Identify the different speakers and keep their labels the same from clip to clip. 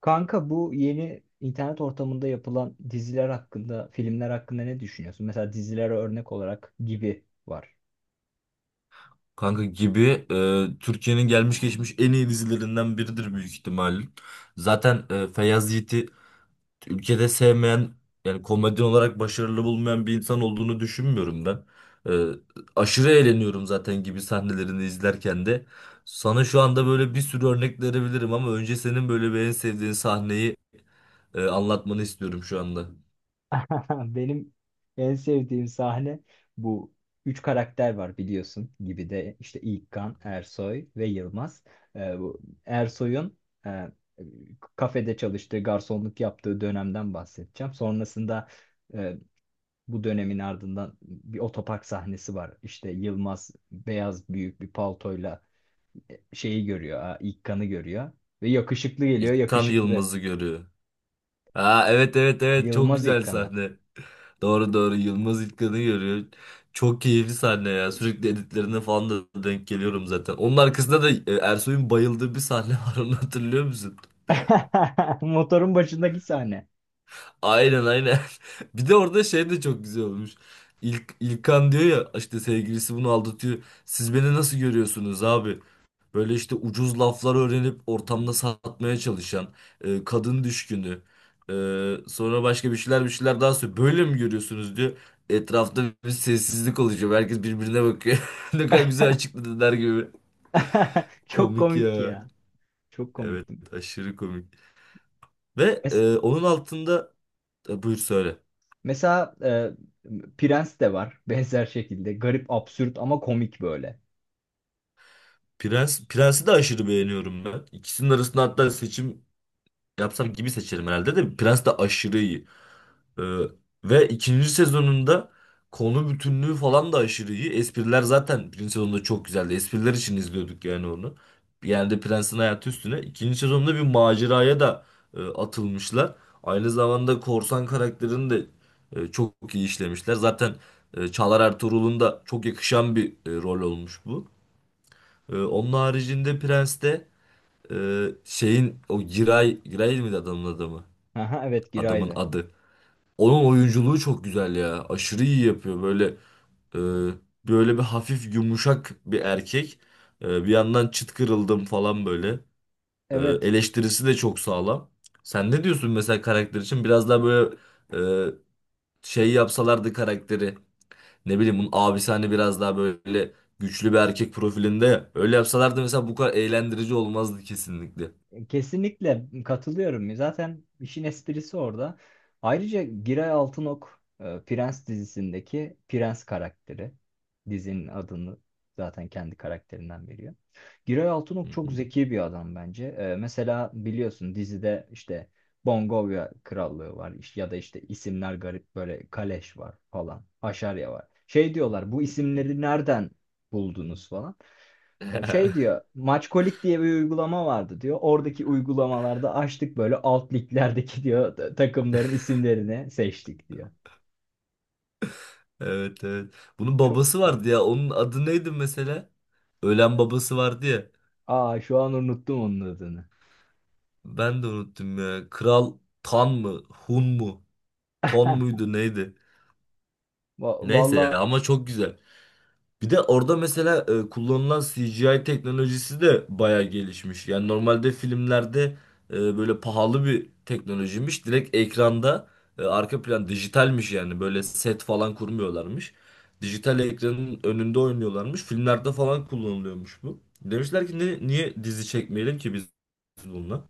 Speaker 1: Kanka bu yeni internet ortamında yapılan diziler hakkında, filmler hakkında ne düşünüyorsun? Mesela dizilere örnek olarak gibi var.
Speaker 2: Kanka gibi Türkiye'nin gelmiş geçmiş en iyi dizilerinden biridir büyük ihtimalle. Zaten Feyyaz Yiğit'i ülkede sevmeyen yani komedyen olarak başarılı bulmayan bir insan olduğunu düşünmüyorum ben. E, Aşırı eğleniyorum zaten gibi sahnelerini izlerken de. Sana şu anda böyle bir sürü örnek verebilirim ama önce senin böyle bir en sevdiğin sahneyi anlatmanı istiyorum şu anda.
Speaker 1: Benim en sevdiğim sahne bu. Üç karakter var biliyorsun gibi de işte İlkan, Ersoy ve Yılmaz. Bu Ersoy'un e, kafede çalıştığı, garsonluk yaptığı dönemden bahsedeceğim. Sonrasında e, bu dönemin ardından bir otopark sahnesi var. İşte Yılmaz beyaz büyük bir paltoyla şeyi görüyor. Ha, İlk kanı görüyor. Ve yakışıklı geliyor
Speaker 2: İlkan
Speaker 1: yakışıklı.
Speaker 2: Yılmaz'ı görüyor. Aa, evet evet evet çok
Speaker 1: Yılmaz ilk
Speaker 2: güzel
Speaker 1: kanı.
Speaker 2: sahne. Doğru doğru Yılmaz İlkan'ı görüyor. Çok keyifli sahne ya. Sürekli editlerine falan da denk geliyorum zaten. Onun arkasında da Ersoy'un bayıldığı bir sahne var onu hatırlıyor musun?
Speaker 1: Motorun başındaki sahne.
Speaker 2: Aynen aynen. Bir de orada şey de çok güzel olmuş. İlkan diyor ya işte sevgilisi bunu aldatıyor. Siz beni nasıl görüyorsunuz abi? Böyle işte ucuz laflar öğrenip ortamda satmaya çalışan, kadın düşkünü, e, sonra başka bir şeyler daha söylüyor. Böyle mi görüyorsunuz diyor. Etrafta bir sessizlik oluşuyor. Herkes birbirine bakıyor. Ne kadar güzel açıkladılar gibi.
Speaker 1: Çok
Speaker 2: Komik
Speaker 1: komik
Speaker 2: ya.
Speaker 1: ya. Çok
Speaker 2: Evet,
Speaker 1: komiktim.
Speaker 2: aşırı komik. Ve
Speaker 1: Mes-
Speaker 2: onun altında buyur söyle.
Speaker 1: mesela Prens de var benzer şekilde. Garip, absürt ama komik böyle.
Speaker 2: Prens'i de aşırı beğeniyorum ben. İkisinin arasında hatta seçim yapsam gibi seçerim herhalde de Prens de aşırı iyi. Ee, Ve ikinci sezonunda konu bütünlüğü falan da aşırı iyi. Espriler zaten birinci sezonda çok güzeldi. Espriler için izliyorduk yani onu. Yani de Prens'in hayatı üstüne. İkinci sezonda bir maceraya da atılmışlar. Aynı zamanda korsan karakterini de çok iyi işlemişler. Zaten Çağlar Ertuğrul'un da çok yakışan bir rol olmuş bu. Onun haricinde Prens'te şeyin o Giray miydi adamın adamı?
Speaker 1: Aha, evet
Speaker 2: Adamın
Speaker 1: Giray'dı.
Speaker 2: adı. Onun oyunculuğu çok güzel ya. Aşırı iyi yapıyor. E, böyle bir hafif yumuşak bir erkek. Bir yandan çıt kırıldım falan böyle. E,
Speaker 1: Evet.
Speaker 2: Eleştirisi de çok sağlam. Sen ne diyorsun mesela karakter için? Biraz daha böyle e, şey yapsalardı karakteri. Ne bileyim bunun abisi hani biraz daha böyle güçlü bir erkek profilinde ya. Öyle yapsalardı mesela bu kadar eğlendirici olmazdı kesinlikle.
Speaker 1: Kesinlikle katılıyorum. Zaten işin esprisi orada. Ayrıca Giray Altınok Prens dizisindeki Prens karakteri. Dizinin adını zaten kendi karakterinden veriyor. Giray
Speaker 2: Hı
Speaker 1: Altınok çok
Speaker 2: hı.
Speaker 1: zeki bir adam bence. E, mesela biliyorsun dizide işte Bongovya Krallığı var. Ya da işte isimler garip böyle, Kaleş var falan, Haşarya var. Şey diyorlar, bu isimleri nereden buldunuz falan. E, şey diyor, Maçkolik diye bir uygulama vardı diyor. Oradaki uygulamalarda açtık böyle alt liglerdeki diyor, takımların isimlerini seçtik diyor.
Speaker 2: Evet evet. Bunun
Speaker 1: Çok
Speaker 2: babası
Speaker 1: garip.
Speaker 2: vardı ya. Onun adı neydi mesela? Ölen babası vardı ya.
Speaker 1: Aa, şu an unuttum onun adını.
Speaker 2: Ben de unuttum ya. Kral Tan mı? Hun mu? Ton muydu neydi? Neyse ya
Speaker 1: Valla
Speaker 2: ama çok güzel. Bir de orada mesela kullanılan CGI teknolojisi de baya gelişmiş. Yani normalde filmlerde böyle pahalı bir teknolojiymiş. Direkt ekranda arka plan dijitalmiş yani. Böyle set falan kurmuyorlarmış. Dijital ekranın önünde oynuyorlarmış. Filmlerde falan kullanılıyormuş bu. Demişler ki "Niye dizi çekmeyelim ki biz bununla?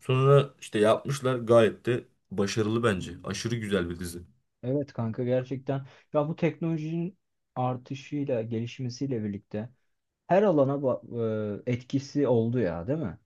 Speaker 2: Sonra işte yapmışlar gayet de başarılı bence. Aşırı güzel bir dizi.
Speaker 1: evet kanka, gerçekten. Ya bu teknolojinin artışıyla, gelişmesiyle birlikte her alana etkisi oldu ya, değil mi?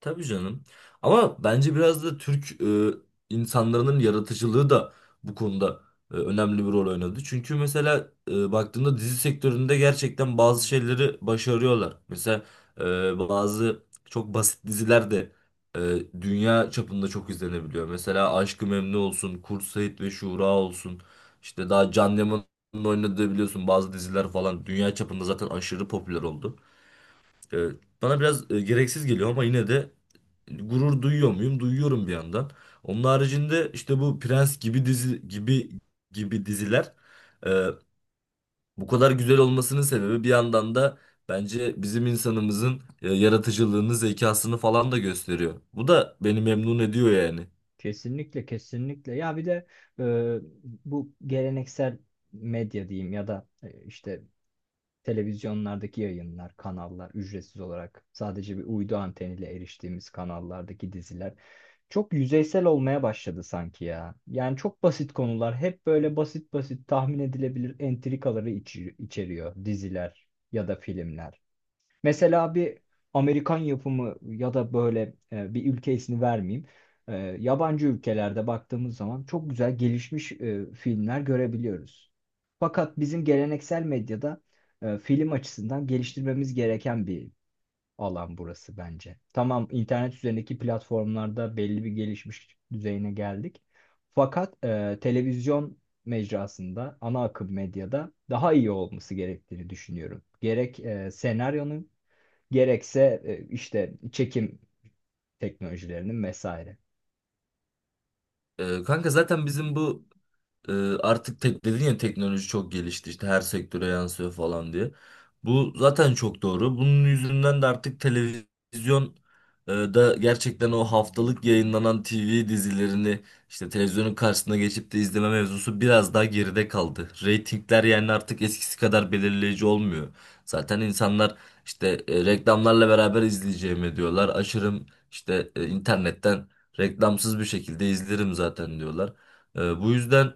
Speaker 2: Tabii canım. Ama bence biraz da Türk insanların yaratıcılığı da bu konuda önemli bir rol oynadı. Çünkü mesela baktığında dizi sektöründe gerçekten bazı şeyleri başarıyorlar. Mesela bazı çok basit diziler de dünya çapında çok izlenebiliyor. Mesela Aşk-ı Memnu olsun, Kurt Seyit ve Şura olsun. İşte daha Can Yaman'ın oynadığı biliyorsun bazı diziler falan dünya çapında zaten aşırı popüler oldu. E, Bana biraz gereksiz geliyor ama yine de gurur duyuyor muyum? Duyuyorum bir yandan. Onun haricinde işte bu Prens gibi dizi gibi gibi diziler e, bu kadar güzel olmasının sebebi bir yandan da bence bizim insanımızın yaratıcılığını, zekasını falan da gösteriyor. Bu da beni memnun ediyor yani.
Speaker 1: Kesinlikle, kesinlikle. Ya bir de e, bu geleneksel medya diyeyim ya da işte televizyonlardaki yayınlar, kanallar, ücretsiz olarak sadece bir uydu anteniyle eriştiğimiz kanallardaki diziler çok yüzeysel olmaya başladı sanki ya. Yani çok basit konular, hep böyle basit basit tahmin edilebilir entrikaları içeriyor diziler ya da filmler. Mesela bir Amerikan yapımı ya da böyle, bir ülke ismi vermeyeyim. E, yabancı ülkelerde baktığımız zaman çok güzel gelişmiş filmler görebiliyoruz. Fakat bizim geleneksel medyada film açısından geliştirmemiz gereken bir alan burası bence. Tamam, internet üzerindeki platformlarda belli bir gelişmiş düzeyine geldik. Fakat televizyon mecrasında, ana akım medyada daha iyi olması gerektiğini düşünüyorum. Gerek senaryonun, gerekse işte çekim teknolojilerinin vesaire.
Speaker 2: Kanka zaten bizim bu Ee, artık tek dedin ya teknoloji çok gelişti işte her sektöre yansıyor falan diye. Bu zaten çok doğru. Bunun yüzünden de artık televizyon da gerçekten o haftalık yayınlanan TV dizilerini işte televizyonun karşısına geçip de izleme mevzusu biraz daha geride kaldı. Reytingler yani artık eskisi kadar belirleyici olmuyor. Zaten insanlar işte reklamlarla beraber izleyeceğimi diyorlar. Açarım işte internetten reklamsız bir şekilde izlerim zaten diyorlar. Bu yüzden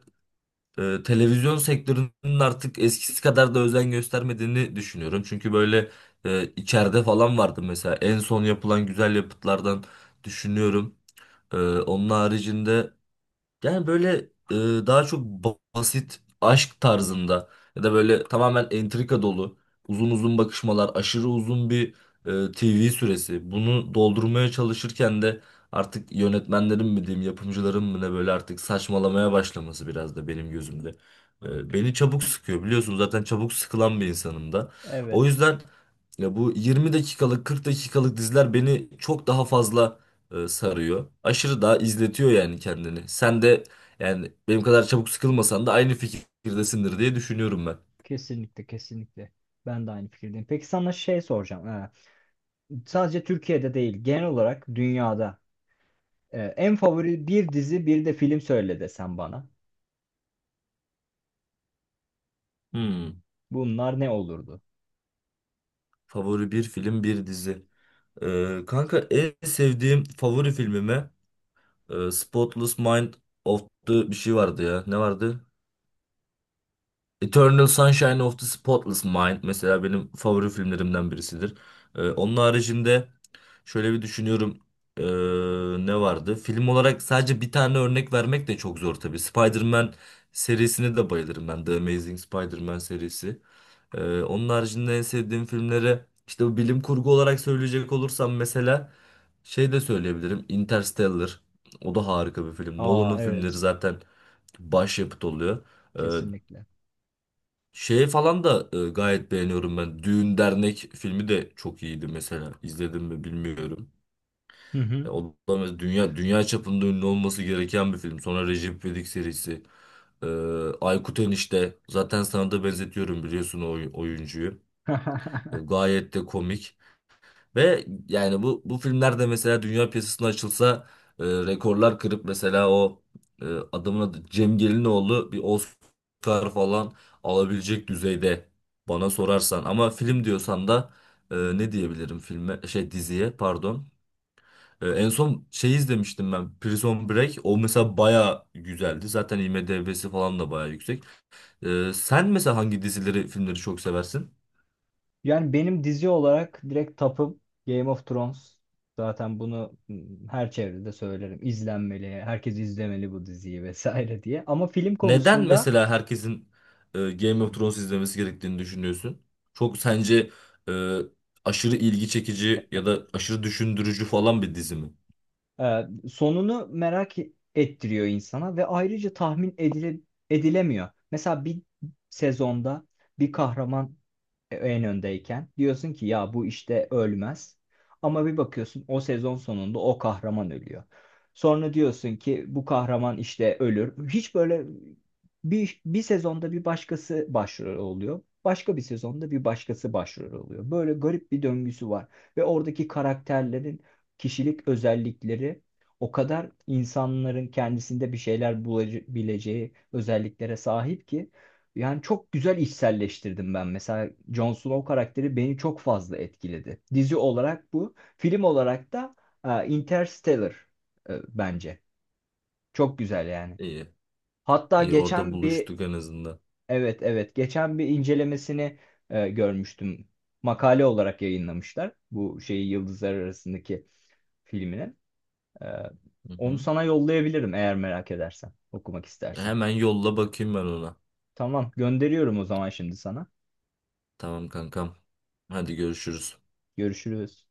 Speaker 2: televizyon sektörünün artık eskisi kadar da özen göstermediğini düşünüyorum. Çünkü böyle içeride falan vardı mesela en son yapılan güzel yapıtlardan düşünüyorum. Onun haricinde yani böyle e, daha çok basit aşk tarzında ya da böyle tamamen entrika dolu uzun uzun bakışmalar, aşırı uzun bir TV süresi. Bunu doldurmaya çalışırken de artık yönetmenlerin mi diyeyim, yapımcıların mı ne böyle artık saçmalamaya başlaması biraz da benim gözümde. Beni çabuk sıkıyor biliyorsun zaten çabuk sıkılan bir insanım da. O
Speaker 1: Evet,
Speaker 2: yüzden ya bu 20 dakikalık 40 dakikalık diziler beni çok daha fazla sarıyor. Aşırı daha izletiyor yani kendini. Sen de yani benim kadar çabuk sıkılmasan da aynı fikirdesindir diye düşünüyorum ben.
Speaker 1: kesinlikle, kesinlikle. Ben de aynı fikirdeyim. Peki sana şey soracağım. Ha, sadece Türkiye'de değil, genel olarak dünyada en favori bir dizi, bir de film söyle desem bana.
Speaker 2: Hmm.
Speaker 1: Bunlar ne olurdu?
Speaker 2: Favori bir film, bir dizi. Kanka en sevdiğim favori filmime Spotless Mind of the bir şey vardı ya. Ne vardı? Eternal Sunshine of the Spotless Mind mesela benim favori filmlerimden birisidir. Onun haricinde şöyle bir düşünüyorum. Ne vardı? Film olarak sadece bir tane örnek vermek de çok zor tabii. Spider-Man serisine de bayılırım ben. The Amazing Spider-Man serisi. Onun haricinde en sevdiğim filmlere işte bu bilim kurgu olarak söyleyecek olursam mesela şey de söyleyebilirim. Interstellar. O da harika bir film.
Speaker 1: Aa
Speaker 2: Nolan'ın filmleri
Speaker 1: evet,
Speaker 2: zaten başyapıt oluyor. Ee,
Speaker 1: kesinlikle.
Speaker 2: Şey falan da gayet beğeniyorum ben. Düğün Dernek filmi de çok iyiydi mesela. İzledim mi bilmiyorum.
Speaker 1: Hı hı.
Speaker 2: O da dünya çapında ünlü olması gereken bir film. Sonra Recep İvedik serisi. E, Aykut Enişte. Zaten sana da benzetiyorum biliyorsun o oyuncuyu. Gayet de komik. Ve yani bu filmler de mesela dünya piyasasına açılsa rekorlar kırıp mesela o e, adamın adı Cem Gelinoğlu bir Oscar falan alabilecek düzeyde bana sorarsan. Ama film diyorsan da ne diyebilirim filme şey diziye pardon. En son şey izlemiştim ben Prison Break. O mesela baya güzeldi. Zaten IMDb'si falan da baya yüksek. Sen mesela hangi dizileri filmleri çok seversin?
Speaker 1: Yani benim dizi olarak direkt tapım Game of Thrones. Zaten bunu her çevrede söylerim. İzlenmeli, herkes izlemeli bu diziyi vesaire diye. Ama film
Speaker 2: Neden
Speaker 1: konusunda
Speaker 2: mesela herkesin Game of Thrones izlemesi gerektiğini düşünüyorsun? Çok sence e, aşırı ilgi çekici
Speaker 1: e,
Speaker 2: ya da aşırı düşündürücü falan bir dizi mi?
Speaker 1: sonunu merak ettiriyor insana ve ayrıca edilemiyor. Mesela bir sezonda bir kahraman en öndeyken diyorsun ki ya bu işte ölmez. Ama bir bakıyorsun, o sezon sonunda o kahraman ölüyor. Sonra diyorsun ki bu kahraman işte ölür. Hiç böyle bir sezonda bir başkası başrol oluyor. Başka bir sezonda bir başkası başrol oluyor. Böyle garip bir döngüsü var. Ve oradaki karakterlerin kişilik özellikleri o kadar insanların kendisinde bir şeyler bulabileceği özelliklere sahip ki, yani çok güzel içselleştirdim ben. Mesela Jon Snow karakteri beni çok fazla etkiledi. Dizi olarak bu. Film olarak da Interstellar bence. Çok güzel yani.
Speaker 2: İyi.
Speaker 1: Hatta
Speaker 2: İyi orada
Speaker 1: geçen bir
Speaker 2: buluştuk en azından.
Speaker 1: evet, evet, geçen bir incelemesini görmüştüm. Makale olarak yayınlamışlar. Bu şeyi, Yıldızlar Arasındaki filminin. E,
Speaker 2: Hı
Speaker 1: onu
Speaker 2: hı.
Speaker 1: sana yollayabilirim eğer merak edersen. Okumak istersen.
Speaker 2: Hemen yolla bakayım ben ona.
Speaker 1: Tamam, gönderiyorum o zaman şimdi sana.
Speaker 2: Tamam kankam. Hadi görüşürüz.
Speaker 1: Görüşürüz.